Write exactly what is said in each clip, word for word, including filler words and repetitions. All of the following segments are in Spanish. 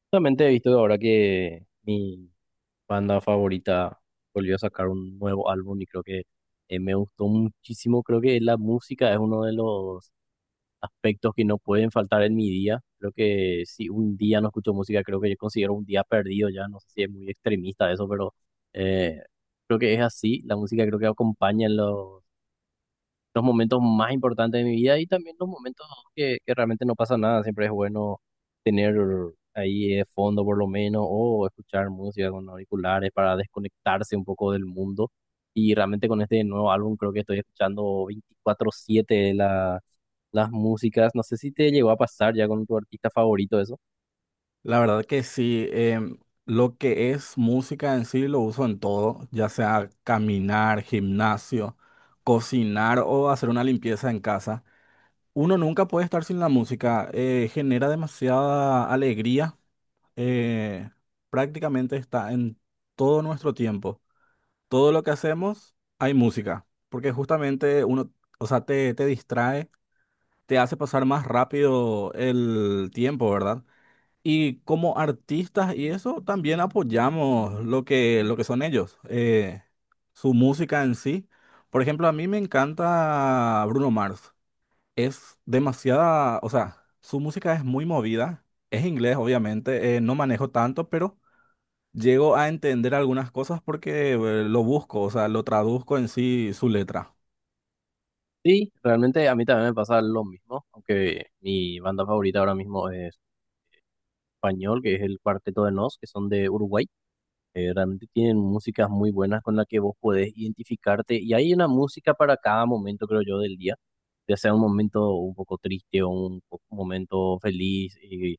Justamente he visto ahora que mi banda favorita volvió a sacar un nuevo álbum y creo que eh, me gustó muchísimo. Creo que la música es uno de los aspectos que no pueden faltar en mi día. Creo que si un día no escucho música, creo que yo considero un día perdido ya. No sé si es muy extremista eso, pero eh, creo que es así. La música creo que acompaña en los los momentos más importantes de mi vida y también los momentos que, que realmente no pasa nada. Siempre es bueno tener ahí de fondo por lo menos o escuchar música con auriculares para desconectarse un poco del mundo. Y realmente con este nuevo álbum creo que estoy escuchando veinticuatro siete la, las músicas. ¿No sé si te llegó a pasar ya con tu artista favorito eso? La verdad que sí, em, lo que es música en sí lo uso en todo, ya sea caminar, gimnasio, cocinar o hacer una limpieza en casa. Uno nunca puede estar sin la música, eh, genera demasiada alegría, eh, prácticamente está en todo nuestro tiempo. Todo lo que hacemos hay música, porque justamente uno, o sea, te, te distrae, te hace pasar más rápido el tiempo, ¿verdad? Y como artistas y eso, también apoyamos lo que, lo que son ellos, eh, su música en sí. Por ejemplo, a mí me encanta Bruno Mars. Es demasiada, o sea, su música es muy movida. Es inglés, obviamente, eh, no manejo tanto, pero llego a entender algunas cosas porque eh, lo busco, o sea, lo traduzco en sí su letra. Sí, realmente a mí también me pasa lo mismo, aunque mi banda favorita ahora mismo es español, que es el Cuarteto de Nos, que son de Uruguay. Eh, realmente tienen músicas muy buenas con las que vos podés identificarte y hay una música para cada momento, creo yo, del día, ya sea un momento un poco triste o un, po- momento feliz. Y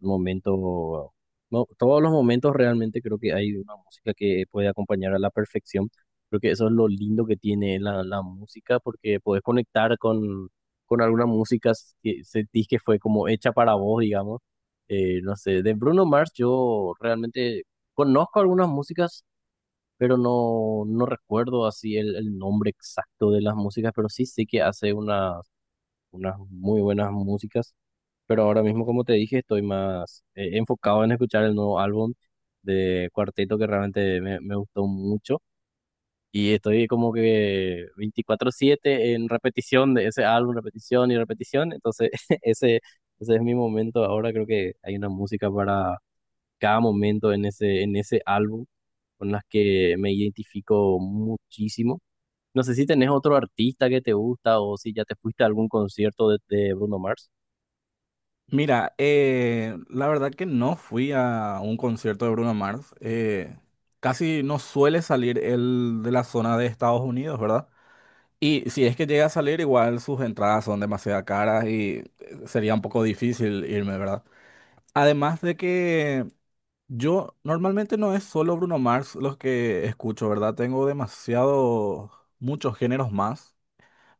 momento, no, todos los momentos realmente creo que hay una música que puede acompañar a la perfección. Creo que eso es lo lindo que tiene la, la música, porque podés conectar con, con alguna música que sentís que fue como hecha para vos, digamos. Eh, no sé, de Bruno Mars yo realmente conozco algunas músicas, pero no, no recuerdo así el, el nombre exacto de las músicas, pero sí sé que hace una unas muy buenas músicas, pero ahora mismo, como te dije, estoy más eh, enfocado en escuchar el nuevo álbum de Cuarteto que realmente me, me gustó mucho y estoy como que veinticuatro siete en repetición de ese álbum, repetición y repetición, entonces ese, ese es mi momento ahora, creo que hay una música para cada momento en ese, en ese álbum con las que me identifico muchísimo. ¿No sé si tenés otro artista que te gusta o si ya te fuiste a algún concierto de, de Bruno Mars? Mira, eh, la verdad que no fui a un concierto de Bruno Mars. Eh, casi no suele salir él de la zona de Estados Unidos, ¿verdad? Y si es que llega a salir, igual sus entradas son demasiado caras y eh, sería un poco difícil irme, ¿verdad? Además de que yo normalmente no es solo Bruno Mars los que escucho, ¿verdad? Tengo demasiado, muchos géneros más.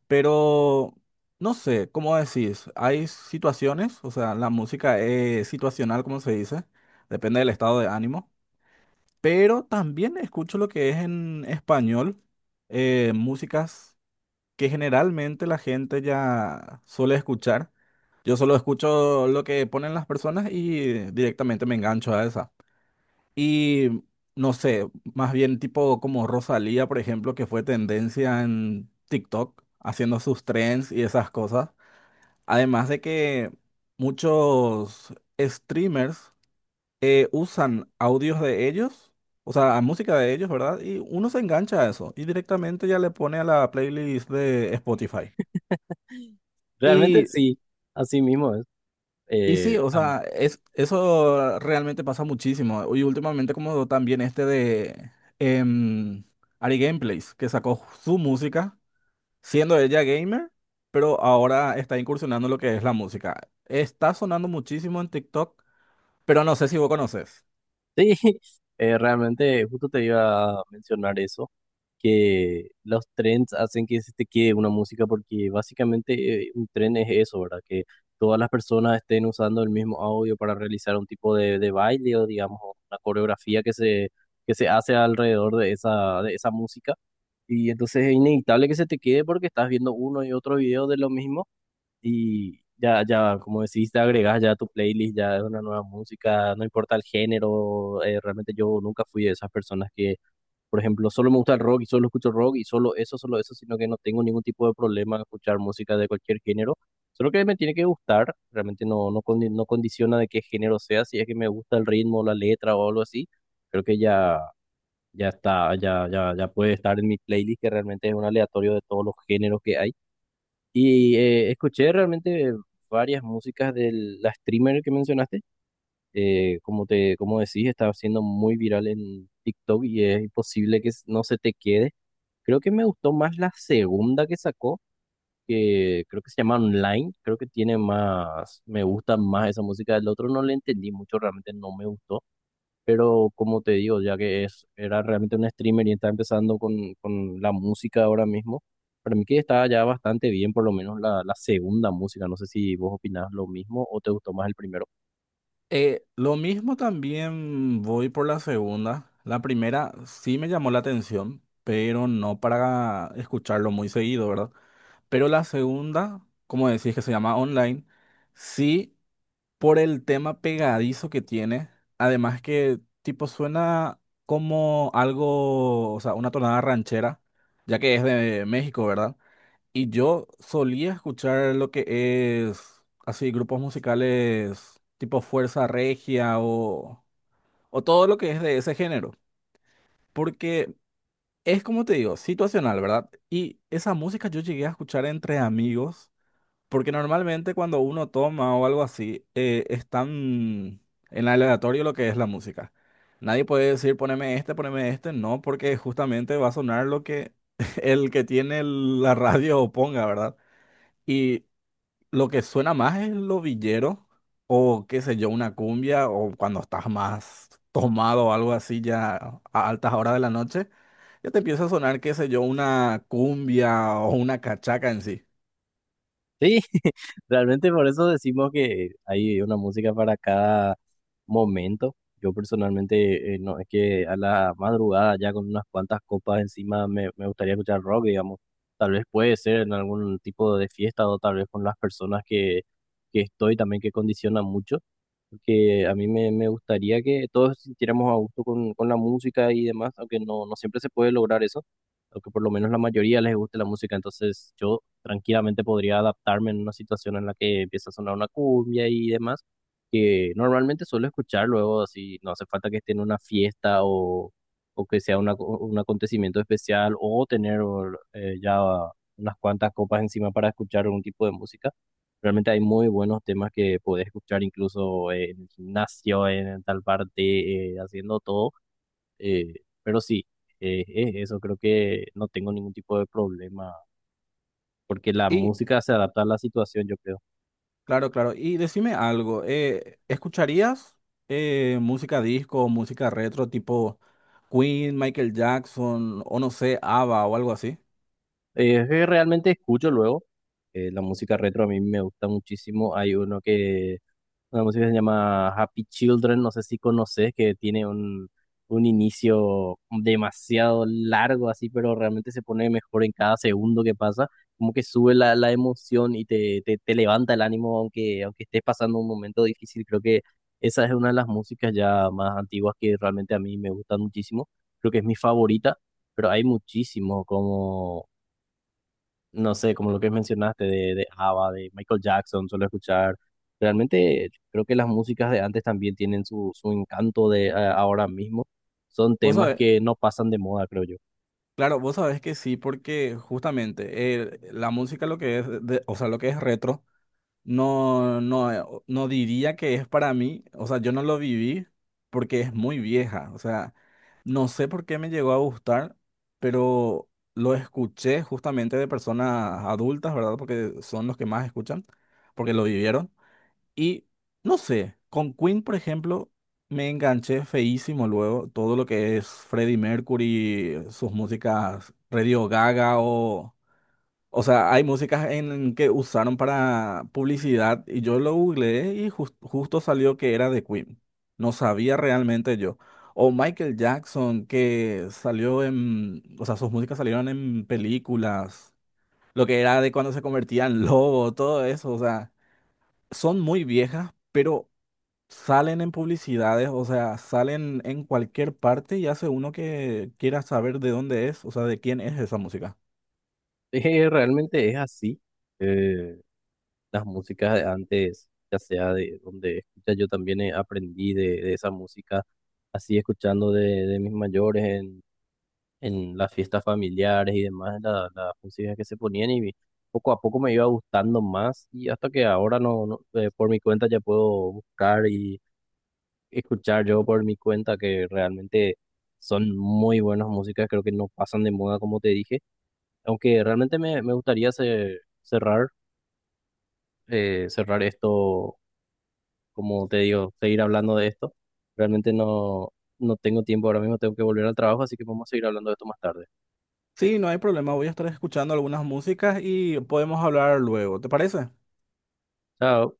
Pero no sé, ¿cómo decís? Hay situaciones, o sea, la música es situacional, como se dice, depende del estado de ánimo, pero también escucho lo que es en español, eh, músicas que generalmente la gente ya suele escuchar. Yo solo escucho lo que ponen las personas y directamente me engancho a esa. Y no sé, más bien tipo como Rosalía, por ejemplo, que fue tendencia en TikTok, haciendo sus trends y esas cosas. Además de que muchos streamers eh, usan audios de ellos, o sea, música de ellos, ¿verdad? Y uno se engancha a eso y directamente ya le pone a la playlist de Spotify. Realmente Y sí, así mismo es. Y sí, Eh, o am- sea, es, eso realmente pasa muchísimo. Y últimamente como también este de em, Ari Gameplays, que sacó su música, siendo ella gamer, pero ahora está incursionando en lo que es la música. Está sonando muchísimo en TikTok, pero no sé si vos conoces. sí, eh, realmente justo te iba a mencionar eso, que los trends hacen que se te quede una música porque básicamente eh, un tren es eso, ¿verdad? Que todas las personas estén usando el mismo audio para realizar un tipo de, de baile o digamos una coreografía que se, que se hace alrededor de esa, de esa música. Y entonces es inevitable que se te quede porque estás viendo uno y otro video de lo mismo y ya, ya, como decís, te agregas ya a tu playlist, ya es una nueva música, no importa el género, eh, realmente yo nunca fui de esas personas que, por ejemplo, solo me gusta el rock y solo escucho rock y solo eso, solo eso, sino que no tengo ningún tipo de problema en escuchar música de cualquier género, solo que me tiene que gustar, realmente no, no, condi- no condiciona de qué género sea, si es que me gusta el ritmo, la letra o algo así, creo que ya ya está, ya, ya, ya puede estar en mi playlist, que realmente es un aleatorio de todos los géneros que hay. Y eh, escuché realmente varias músicas de la streamer que mencionaste. Eh, como te, como decís, está siendo muy viral en TikTok y es imposible que s- no se te quede. Creo que me gustó más la segunda que sacó, que creo que se llama Online. Creo que tiene más, me gusta más esa música del otro. No le entendí mucho, realmente no me gustó, pero como te digo, ya que es, era realmente un streamer y está empezando con, con la música ahora mismo, para mí que está ya bastante bien, por lo menos la, la segunda música. No sé si vos opinás lo mismo o te gustó más el primero. Eh, lo mismo también voy por la segunda. La primera sí me llamó la atención, pero no para escucharlo muy seguido, ¿verdad? Pero la segunda, como decís que se llama online, sí por el tema pegadizo que tiene, además que tipo suena como algo, o sea, una tonada ranchera, ya que es de México, ¿verdad? Y yo solía escuchar lo que es así grupos musicales tipo Fuerza Regia o, o todo lo que es de ese género, porque es como te digo, situacional, ¿verdad? Y esa música yo llegué a escuchar entre amigos porque normalmente cuando uno toma o algo así, eh, es tan en aleatorio lo que es la música. Nadie puede decir poneme este, poneme este, no, porque justamente va a sonar lo que el que tiene el- la radio ponga, ¿verdad? Y lo que suena más es lo villero o qué sé yo, una cumbia o cuando estás más tomado o algo así ya a altas horas de la noche, ya te empieza a sonar, qué sé yo, una cumbia o una cachaca en sí. Sí, realmente por eso decimos que hay una música para cada momento. Yo personalmente, eh, no, es que a la madrugada ya con unas cuantas copas encima me, me gustaría escuchar rock, digamos. Tal vez puede ser en algún tipo de fiesta o tal vez con las personas que, que estoy también que condicionan mucho. Porque a mí me, me gustaría que todos sintiéramos a gusto con, con la música y demás, aunque no, no siempre se puede lograr eso, aunque por lo menos la mayoría les guste la música. Entonces yo tranquilamente podría adaptarme en una situación en la que empieza a sonar una cumbia y demás, que normalmente suelo escuchar luego, así no hace falta que esté en una fiesta o, o que sea una- un acontecimiento especial o tener eh, ya unas cuantas copas encima para escuchar algún tipo de música. Realmente hay muy buenos temas que podés escuchar incluso eh, en el gimnasio, en tal parte, eh, haciendo todo. eh, pero sí, eh, es eso, creo que no tengo ningún tipo de problema porque la música se adapta a la situación, yo creo. Claro, claro. Y decime algo, eh, ¿escucharías eh, música disco, música retro tipo Queen, Michael Jackson o no sé, ABBA o algo así? Eh, es que realmente escucho luego. Eh, la música retro a mí me gusta muchísimo. Hay uno que, una música que se llama Happy Children, no sé si conoces, que tiene un, un inicio demasiado largo así, pero realmente se pone mejor en cada segundo que pasa. Como que sube la, la emoción y te, te, te levanta el ánimo, aunque, aunque estés pasando un momento difícil. Creo que esa es una de las músicas ya más antiguas que realmente a mí me gustan muchísimo. Creo que es mi favorita, pero hay muchísimo como no sé, como lo que mencionaste de, de ABBA, de Michael Jackson, suelo escuchar. Realmente creo que las músicas de antes también tienen su, su encanto de eh, ahora mismo. Son Vos temas sabés, que no pasan de moda, creo yo. claro, vos sabés que sí, porque justamente eh, la música lo que es, de- o sea, lo que es retro. No, no, no diría que es para mí, o sea, yo no lo viví porque es muy vieja, o sea, no sé por qué me llegó a gustar, pero lo escuché justamente de personas adultas, ¿verdad? Porque son los que más escuchan, porque lo vivieron. Y no sé, con Queen, por ejemplo, me enganché feísimo luego, todo lo que es Freddie Mercury, sus músicas, Radio Gaga o... O sea, hay músicas en que usaron para publicidad y yo lo googleé y jus- justo salió que era de Queen. No sabía realmente yo. O Michael Jackson, que salió en, o sea, sus músicas salieron en películas, lo que era de cuando se convertía en lobo, todo eso. O sea, son muy viejas, pero salen en publicidades, o sea, salen en cualquier parte y hace uno que quiera saber de dónde es, o sea, de quién es esa música. Eh, realmente es así. Eh, las músicas de antes, ya sea de donde escucha, yo también eh, aprendí de, de esa música, así escuchando de, de mis mayores en las fiestas familiares y demás, la- las músicas que se ponían y poco a poco me iba gustando más y hasta que ahora no, no, eh, por mi cuenta ya puedo buscar y escuchar yo por mi cuenta que realmente son muy buenas músicas, creo que no pasan de moda como te dije, aunque realmente me, me gustaría ce- cerrar, eh, cerrar esto, como te digo, seguir hablando de esto, realmente no, no tengo tiempo ahora mismo, tengo que volver al trabajo, así que vamos a seguir hablando de esto más tarde. Sí, no hay problema. Voy a estar escuchando algunas músicas y podemos hablar luego. ¿Te parece? Chao.